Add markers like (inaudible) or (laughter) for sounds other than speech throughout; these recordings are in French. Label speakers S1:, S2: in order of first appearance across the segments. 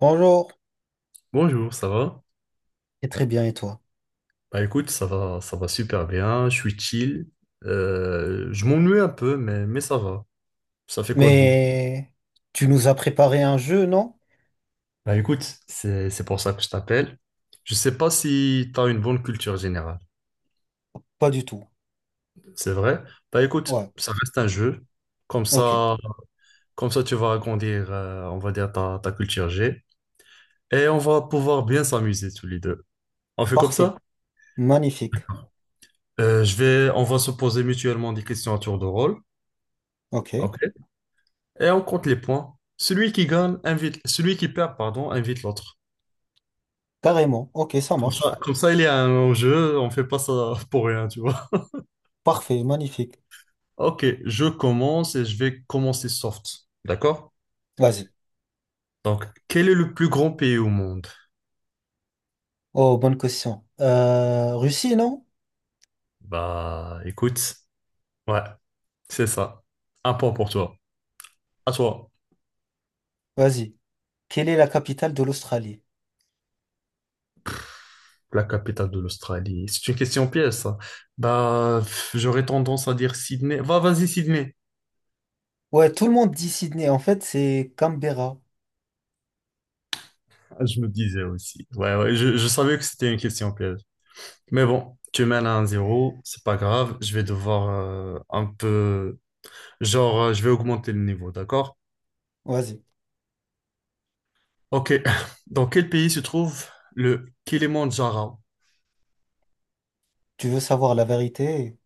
S1: Bonjour,
S2: Bonjour, ça va?
S1: et très bien, et toi?
S2: Bah écoute, ça va super bien, je suis chill. Je m'ennuie un peu, mais ça va. Ça fait quoi de beau?
S1: Mais tu nous as préparé un jeu, non?
S2: Bah écoute, c'est pour ça que je t'appelle. Je sais pas si t'as une bonne culture générale,
S1: Pas du tout.
S2: c'est vrai? Bah écoute,
S1: Ouais,
S2: ça reste un jeu. Comme
S1: ok,
S2: ça, comme ça tu vas agrandir, on va dire, ta culture G. Et on va pouvoir bien s'amuser tous les deux. On fait comme
S1: parfait,
S2: ça?
S1: magnifique,
S2: On va se poser mutuellement des questions à tour de rôle.
S1: ok,
S2: Ok, et on compte les points. Celui qui gagne invite, celui qui perd, pardon, invite l'autre.
S1: carrément, ok, ça marche,
S2: Comme ça, il y a un jeu, on fait pas ça pour rien, tu vois.
S1: parfait, magnifique.
S2: Ok, je commence et je vais commencer soft. D'accord?
S1: Vas-y.
S2: Donc, quel est le plus grand pays au monde?
S1: Oh, bonne question. Russie, non?
S2: Bah, écoute, ouais, c'est ça. Un point pour toi. À toi.
S1: Vas-y. Quelle est la capitale de l'Australie?
S2: La capitale de l'Australie. C'est une question pièce, ça. Bah, pff, j'aurais tendance à dire Sydney. Vas-y, Sydney.
S1: Ouais, tout le monde dit Sydney, en fait, c'est Canberra.
S2: Ah, je me disais aussi. Ouais, ouais, je savais que c'était une question piège. Mais bon, tu mènes à 1-0, c'est pas grave, je vais devoir un peu. Genre, je vais augmenter le niveau, d'accord?
S1: Vas-y.
S2: Ok. (laughs) Dans quel pays se trouve le Kilimandjaro?
S1: Tu veux savoir la vérité?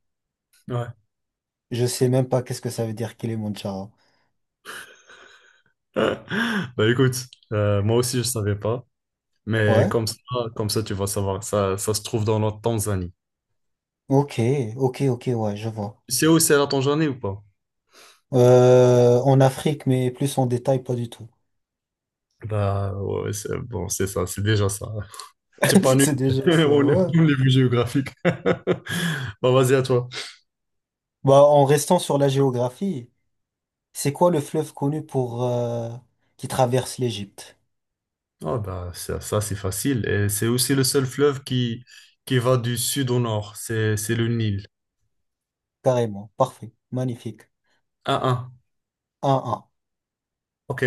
S2: Ouais.
S1: Je sais même pas qu'est-ce que ça veut dire Kilimandjaro.
S2: (laughs) Bah écoute, moi aussi je savais pas, mais
S1: Ouais,
S2: comme ça tu vas savoir, ça se trouve dans la Tanzanie.
S1: ok, ok, ok, ouais, je vois.
S2: Tu sais où c'est la Tanzanie ou pas?
S1: En Afrique, mais plus en détail, pas du tout.
S2: Bah ouais, c'est bon, c'est ça, c'est déjà ça. T'es
S1: (laughs)
S2: pas nul
S1: C'est déjà
S2: (laughs)
S1: ça,
S2: au
S1: ouais.
S2: niveau géographique. (laughs) Bah vas-y à toi.
S1: Bah, en restant sur la géographie, c'est quoi le fleuve connu pour qui traverse l'Égypte?
S2: Ah bah, ça, c'est facile. Et c'est aussi le seul fleuve qui va du sud au nord. C'est le Nil.
S1: Carrément, parfait, magnifique.
S2: 1-1.
S1: 1-1.
S2: OK.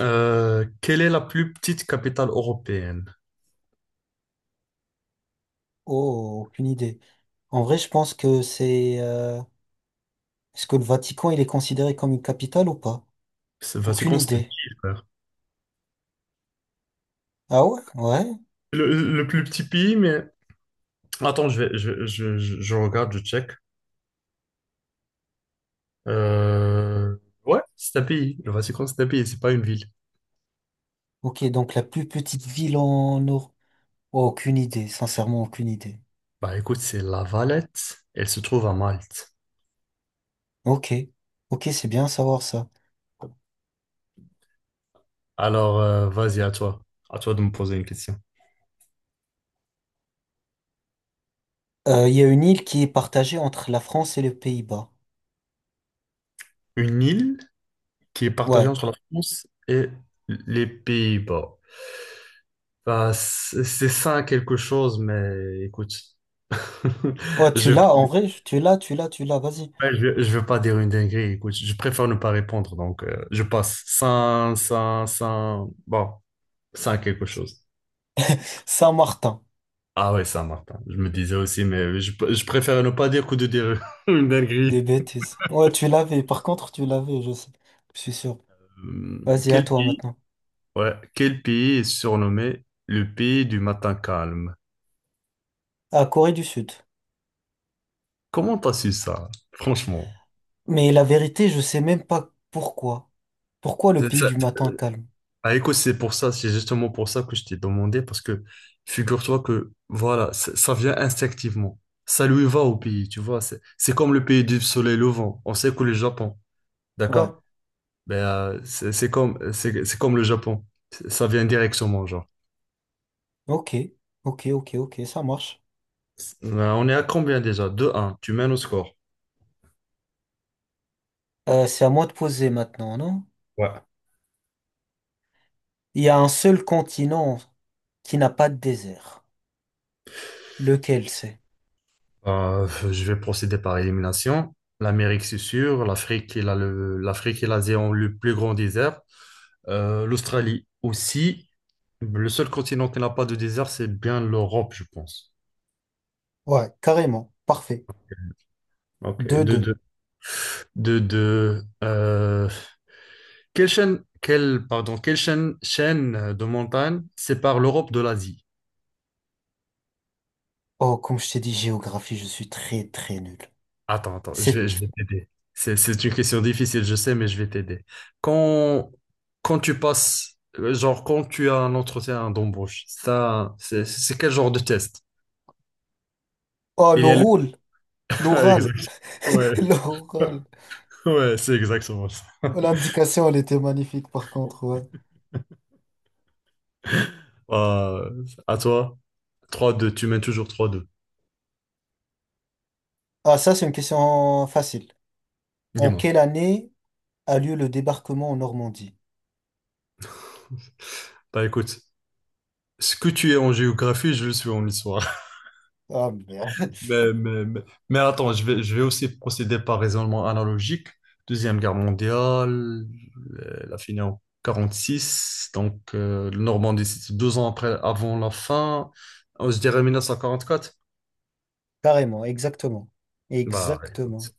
S2: Quelle est la plus petite capitale européenne?
S1: Oh, aucune idée. En vrai, je pense que c'est... est-ce que le Vatican, il est considéré comme une capitale ou pas?
S2: Vas-y,
S1: Aucune
S2: Constantine,
S1: idée.
S2: frère.
S1: Ah ouais? Ouais.
S2: Le plus petit pays, mais. Attends, je vais, je regarde, je check. Euh, Ouais c'est un pays. Le Vatican, c'est un pays, c'est pas une ville.
S1: Ok, donc la plus petite ville en Europe. Aucune idée, sincèrement, aucune idée.
S2: Bah écoute, c'est La Valette. Elle se trouve à Malte.
S1: Ok. Ok, c'est bien à savoir ça.
S2: Alors, vas-y, à toi. À toi de me poser une question.
S1: Il y a une île qui est partagée entre la France et les Pays-Bas.
S2: Une île? Qui est partagé
S1: Ouais.
S2: entre la France et les Pays-Bas. Bah, c'est ça quelque chose, mais écoute,
S1: Ouais,
S2: (laughs)
S1: tu
S2: ouais,
S1: l'as, en vrai, tu l'as, tu l'as, tu l'as, vas-y.
S2: je veux pas dire une dinguerie, écoute, je préfère ne pas répondre, donc je passe. Bon, Saint quelque chose.
S1: Saint-Martin,
S2: Ah ouais, Saint-Martin, je me disais aussi, mais je préfère ne pas dire que de dire (laughs) une
S1: des
S2: dinguerie.
S1: bêtises. Ouais, tu l'avais, par contre, tu l'avais, je sais. Je suis sûr.
S2: Hum,
S1: Vas-y, à
S2: Quel
S1: toi
S2: pays,
S1: maintenant.
S2: ouais, quel pays est surnommé le pays du matin calme?
S1: À Corée du Sud.
S2: Comment t'as su ça, franchement?
S1: Mais la vérité, je sais même pas pourquoi. Pourquoi le
S2: C'est-
S1: pays
S2: ça-
S1: du matin calme?
S2: Ah, écoute, c'est justement pour ça que je t'ai demandé, parce que figure-toi que, voilà, ça vient instinctivement. Ça lui va au pays, tu vois. C'est comme le pays du soleil levant. On sait que le Japon,
S1: Ouais.
S2: d'accord? Ben, c'est comme le Japon. Ça vient directement, genre.
S1: Ok, ok, ok, ok, ça marche.
S2: On est à combien déjà? 2-1, tu mènes au score.
S1: C'est à moi de poser maintenant, non?
S2: Ouais.
S1: Il y a un seul continent qui n'a pas de désert. Lequel c'est?
S2: Je vais procéder par élimination. L'Amérique, c'est sûr. L'Afrique et l'Afrique et l'Asie ont le plus grand désert. L'Australie aussi. Le seul continent qui n'a pas de désert, c'est bien l'Europe, je pense.
S1: Ouais, carrément. Parfait.
S2: Ok.
S1: deux deux
S2: De, de, euh, quelle chaîne de montagne sépare l'Europe de l'Asie?
S1: Oh, comme je t'ai dit, géographie, je suis très très nul.
S2: Attends, attends, je
S1: C'est...
S2: vais, je vais t'aider. C'est une question difficile, je sais, mais je vais t'aider. Quand, quand tu passes, genre, quand tu as un entretien d'embauche, ça, c'est quel genre de test?
S1: Oh,
S2: Il y a le. (laughs) Ah,
S1: l'oral,
S2: exact. Ouais,
S1: (laughs) l'oral.
S2: (laughs) ouais, c'est exactement ça.
S1: Oh, l'indication, elle était magnifique par contre. Ouais.
S2: À toi. 3-2, tu mènes toujours 3-2.
S1: Ah, ça, c'est une question facile. En
S2: Dis-moi.
S1: quelle année a lieu le débarquement en Normandie?
S2: Bah écoute, ce que tu es en géographie, je le suis en histoire.
S1: Ah, merde.
S2: (laughs) Mais, mais, mais, mais attends, je vais aussi procéder par raisonnement analogique. Deuxième guerre mondiale, la fin en 46. Donc, le Normandie, c'est 2 ans après, avant la fin. Je dirais 1944.
S1: (laughs) Carrément, exactement.
S2: Bah,
S1: Exactement.
S2: écoute,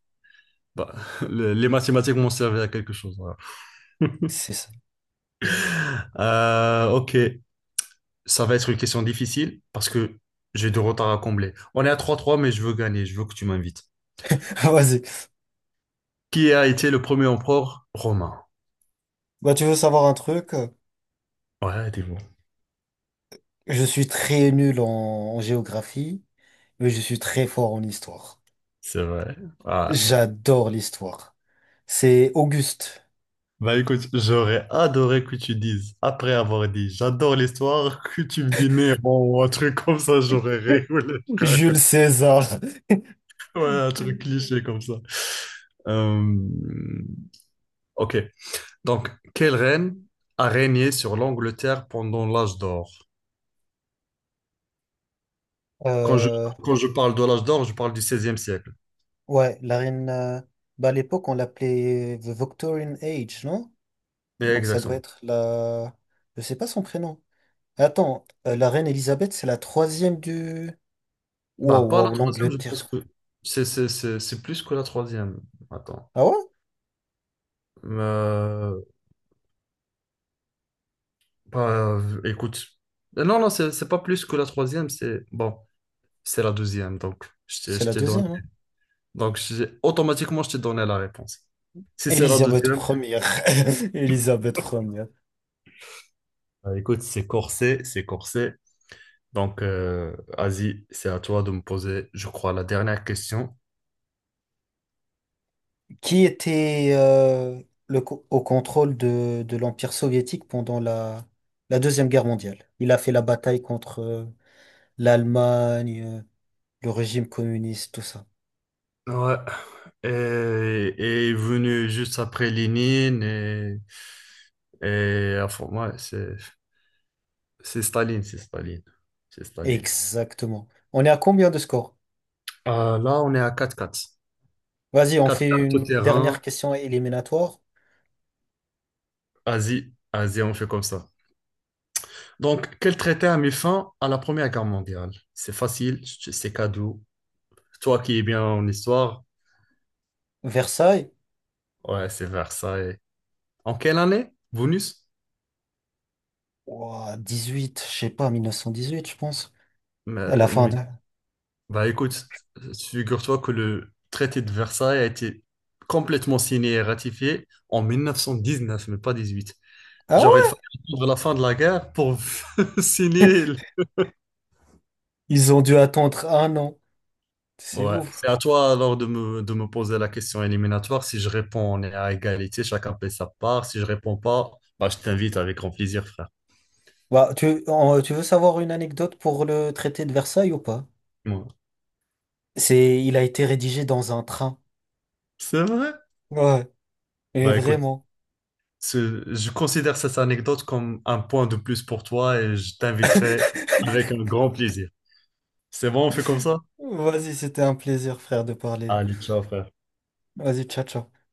S2: bah, (laughs) les mathématiques m'ont servi à quelque chose, voilà. (laughs)
S1: C'est ça.
S2: Ok. Ça va être une question difficile parce que j'ai du retard à combler. On est à 3-3, mais je veux gagner, je veux que tu m'invites.
S1: (laughs) Vas-y.
S2: Qui a été le premier empereur romain?
S1: Bah, tu veux savoir un truc?
S2: Ouais, dis bon.
S1: Je suis très nul en géographie, mais je suis très fort en histoire.
S2: C'est vrai. Ah, ouais.
S1: J'adore l'histoire. C'est Auguste.
S2: Bah écoute, j'aurais adoré que tu dises, après avoir dit j'adore l'histoire, (laughs) que tu me dis Néron ou un truc comme ça, j'aurais rigolé, frère.
S1: Jules
S2: (laughs)
S1: César.
S2: Ouais, un truc cliché comme ça. Euh, Ok. Donc, quelle reine a régné sur l'Angleterre pendant l'âge d'or? Quand je,
S1: Euh,
S2: quand je parle de l'âge d'or, je parle du 16e siècle.
S1: ouais, la reine. Bah, à l'époque, on l'appelait The Victorian Age, non?
S2: Mais
S1: Donc ça doit
S2: exactement.
S1: être la. Je sais pas son prénom. Attends, la reine Elisabeth, c'est la troisième du. Wow,
S2: Bah, pas la
S1: wow,
S2: troisième, je pense
S1: l'Angleterre.
S2: que c'est plus que la troisième. Attends.
S1: Ah ouais?
S2: Euh, bah, écoute. Non, non, c'est pas plus que la troisième, c'est bon, c'est la deuxième. Donc, je t'ai
S1: C'est
S2: je
S1: la
S2: t'ai donné.
S1: deuxième, hein.
S2: Donc, automatiquement, je t'ai donné la réponse. Si c'est la
S1: Elisabeth
S2: deuxième,
S1: première. (laughs) Elisabeth première.
S2: bah, écoute, c'est corsé, c'est corsé. Donc, Asie, c'est à toi de me poser, je crois, la dernière question.
S1: Qui était au contrôle de l'Empire soviétique pendant la Deuxième Guerre mondiale? Il a fait la bataille contre l'Allemagne. Le régime communiste, tout ça.
S2: Ouais. Et est venu juste après Lénine et enfin, ouais, c'est Staline, c'est Staline, c'est Staline.
S1: Exactement. On est à combien de scores?
S2: Là, on est à 4-4,
S1: Vas-y, on
S2: quatre
S1: fait
S2: quatre tout
S1: une dernière
S2: terrain,
S1: question éliminatoire.
S2: Asie, Asie, on fait comme ça. Donc, quel traité a mis fin à la Première Guerre mondiale? C'est facile, c'est cadeau. Toi qui es bien en histoire,
S1: Versailles?
S2: ouais, c'est Versailles. En quelle année? Bonus?
S1: Ouah, huit je sais pas, 1918, je pense. À la fin de...
S2: Bah écoute, figure-toi que le traité de Versailles a été complètement signé et ratifié en 1919, mais pas 18.
S1: Ah
S2: Genre, il
S1: ouais?
S2: fallait attendre la fin de la guerre pour (laughs) signer.
S1: Ils ont dû attendre un an. C'est
S2: Ouais,
S1: ouf.
S2: c'est à toi alors de me, poser la question éliminatoire. Si je réponds, on est à égalité, chacun paie sa part. Si je réponds pas, bah je t'invite avec grand plaisir, frère.
S1: Bah, tu veux savoir une anecdote pour le traité de Versailles ou pas?
S2: Ouais.
S1: C'est, il a été rédigé dans un train.
S2: C'est vrai?
S1: Ouais, et
S2: Bah écoute,
S1: vraiment.
S2: je considère cette anecdote comme un point de plus pour toi et je t'inviterai
S1: (laughs)
S2: avec un grand plaisir. C'est bon, on fait comme ça?
S1: Vas-y, c'était un plaisir, frère, de parler.
S2: Allez, ciao, frère.
S1: Vas-y, ciao, ciao.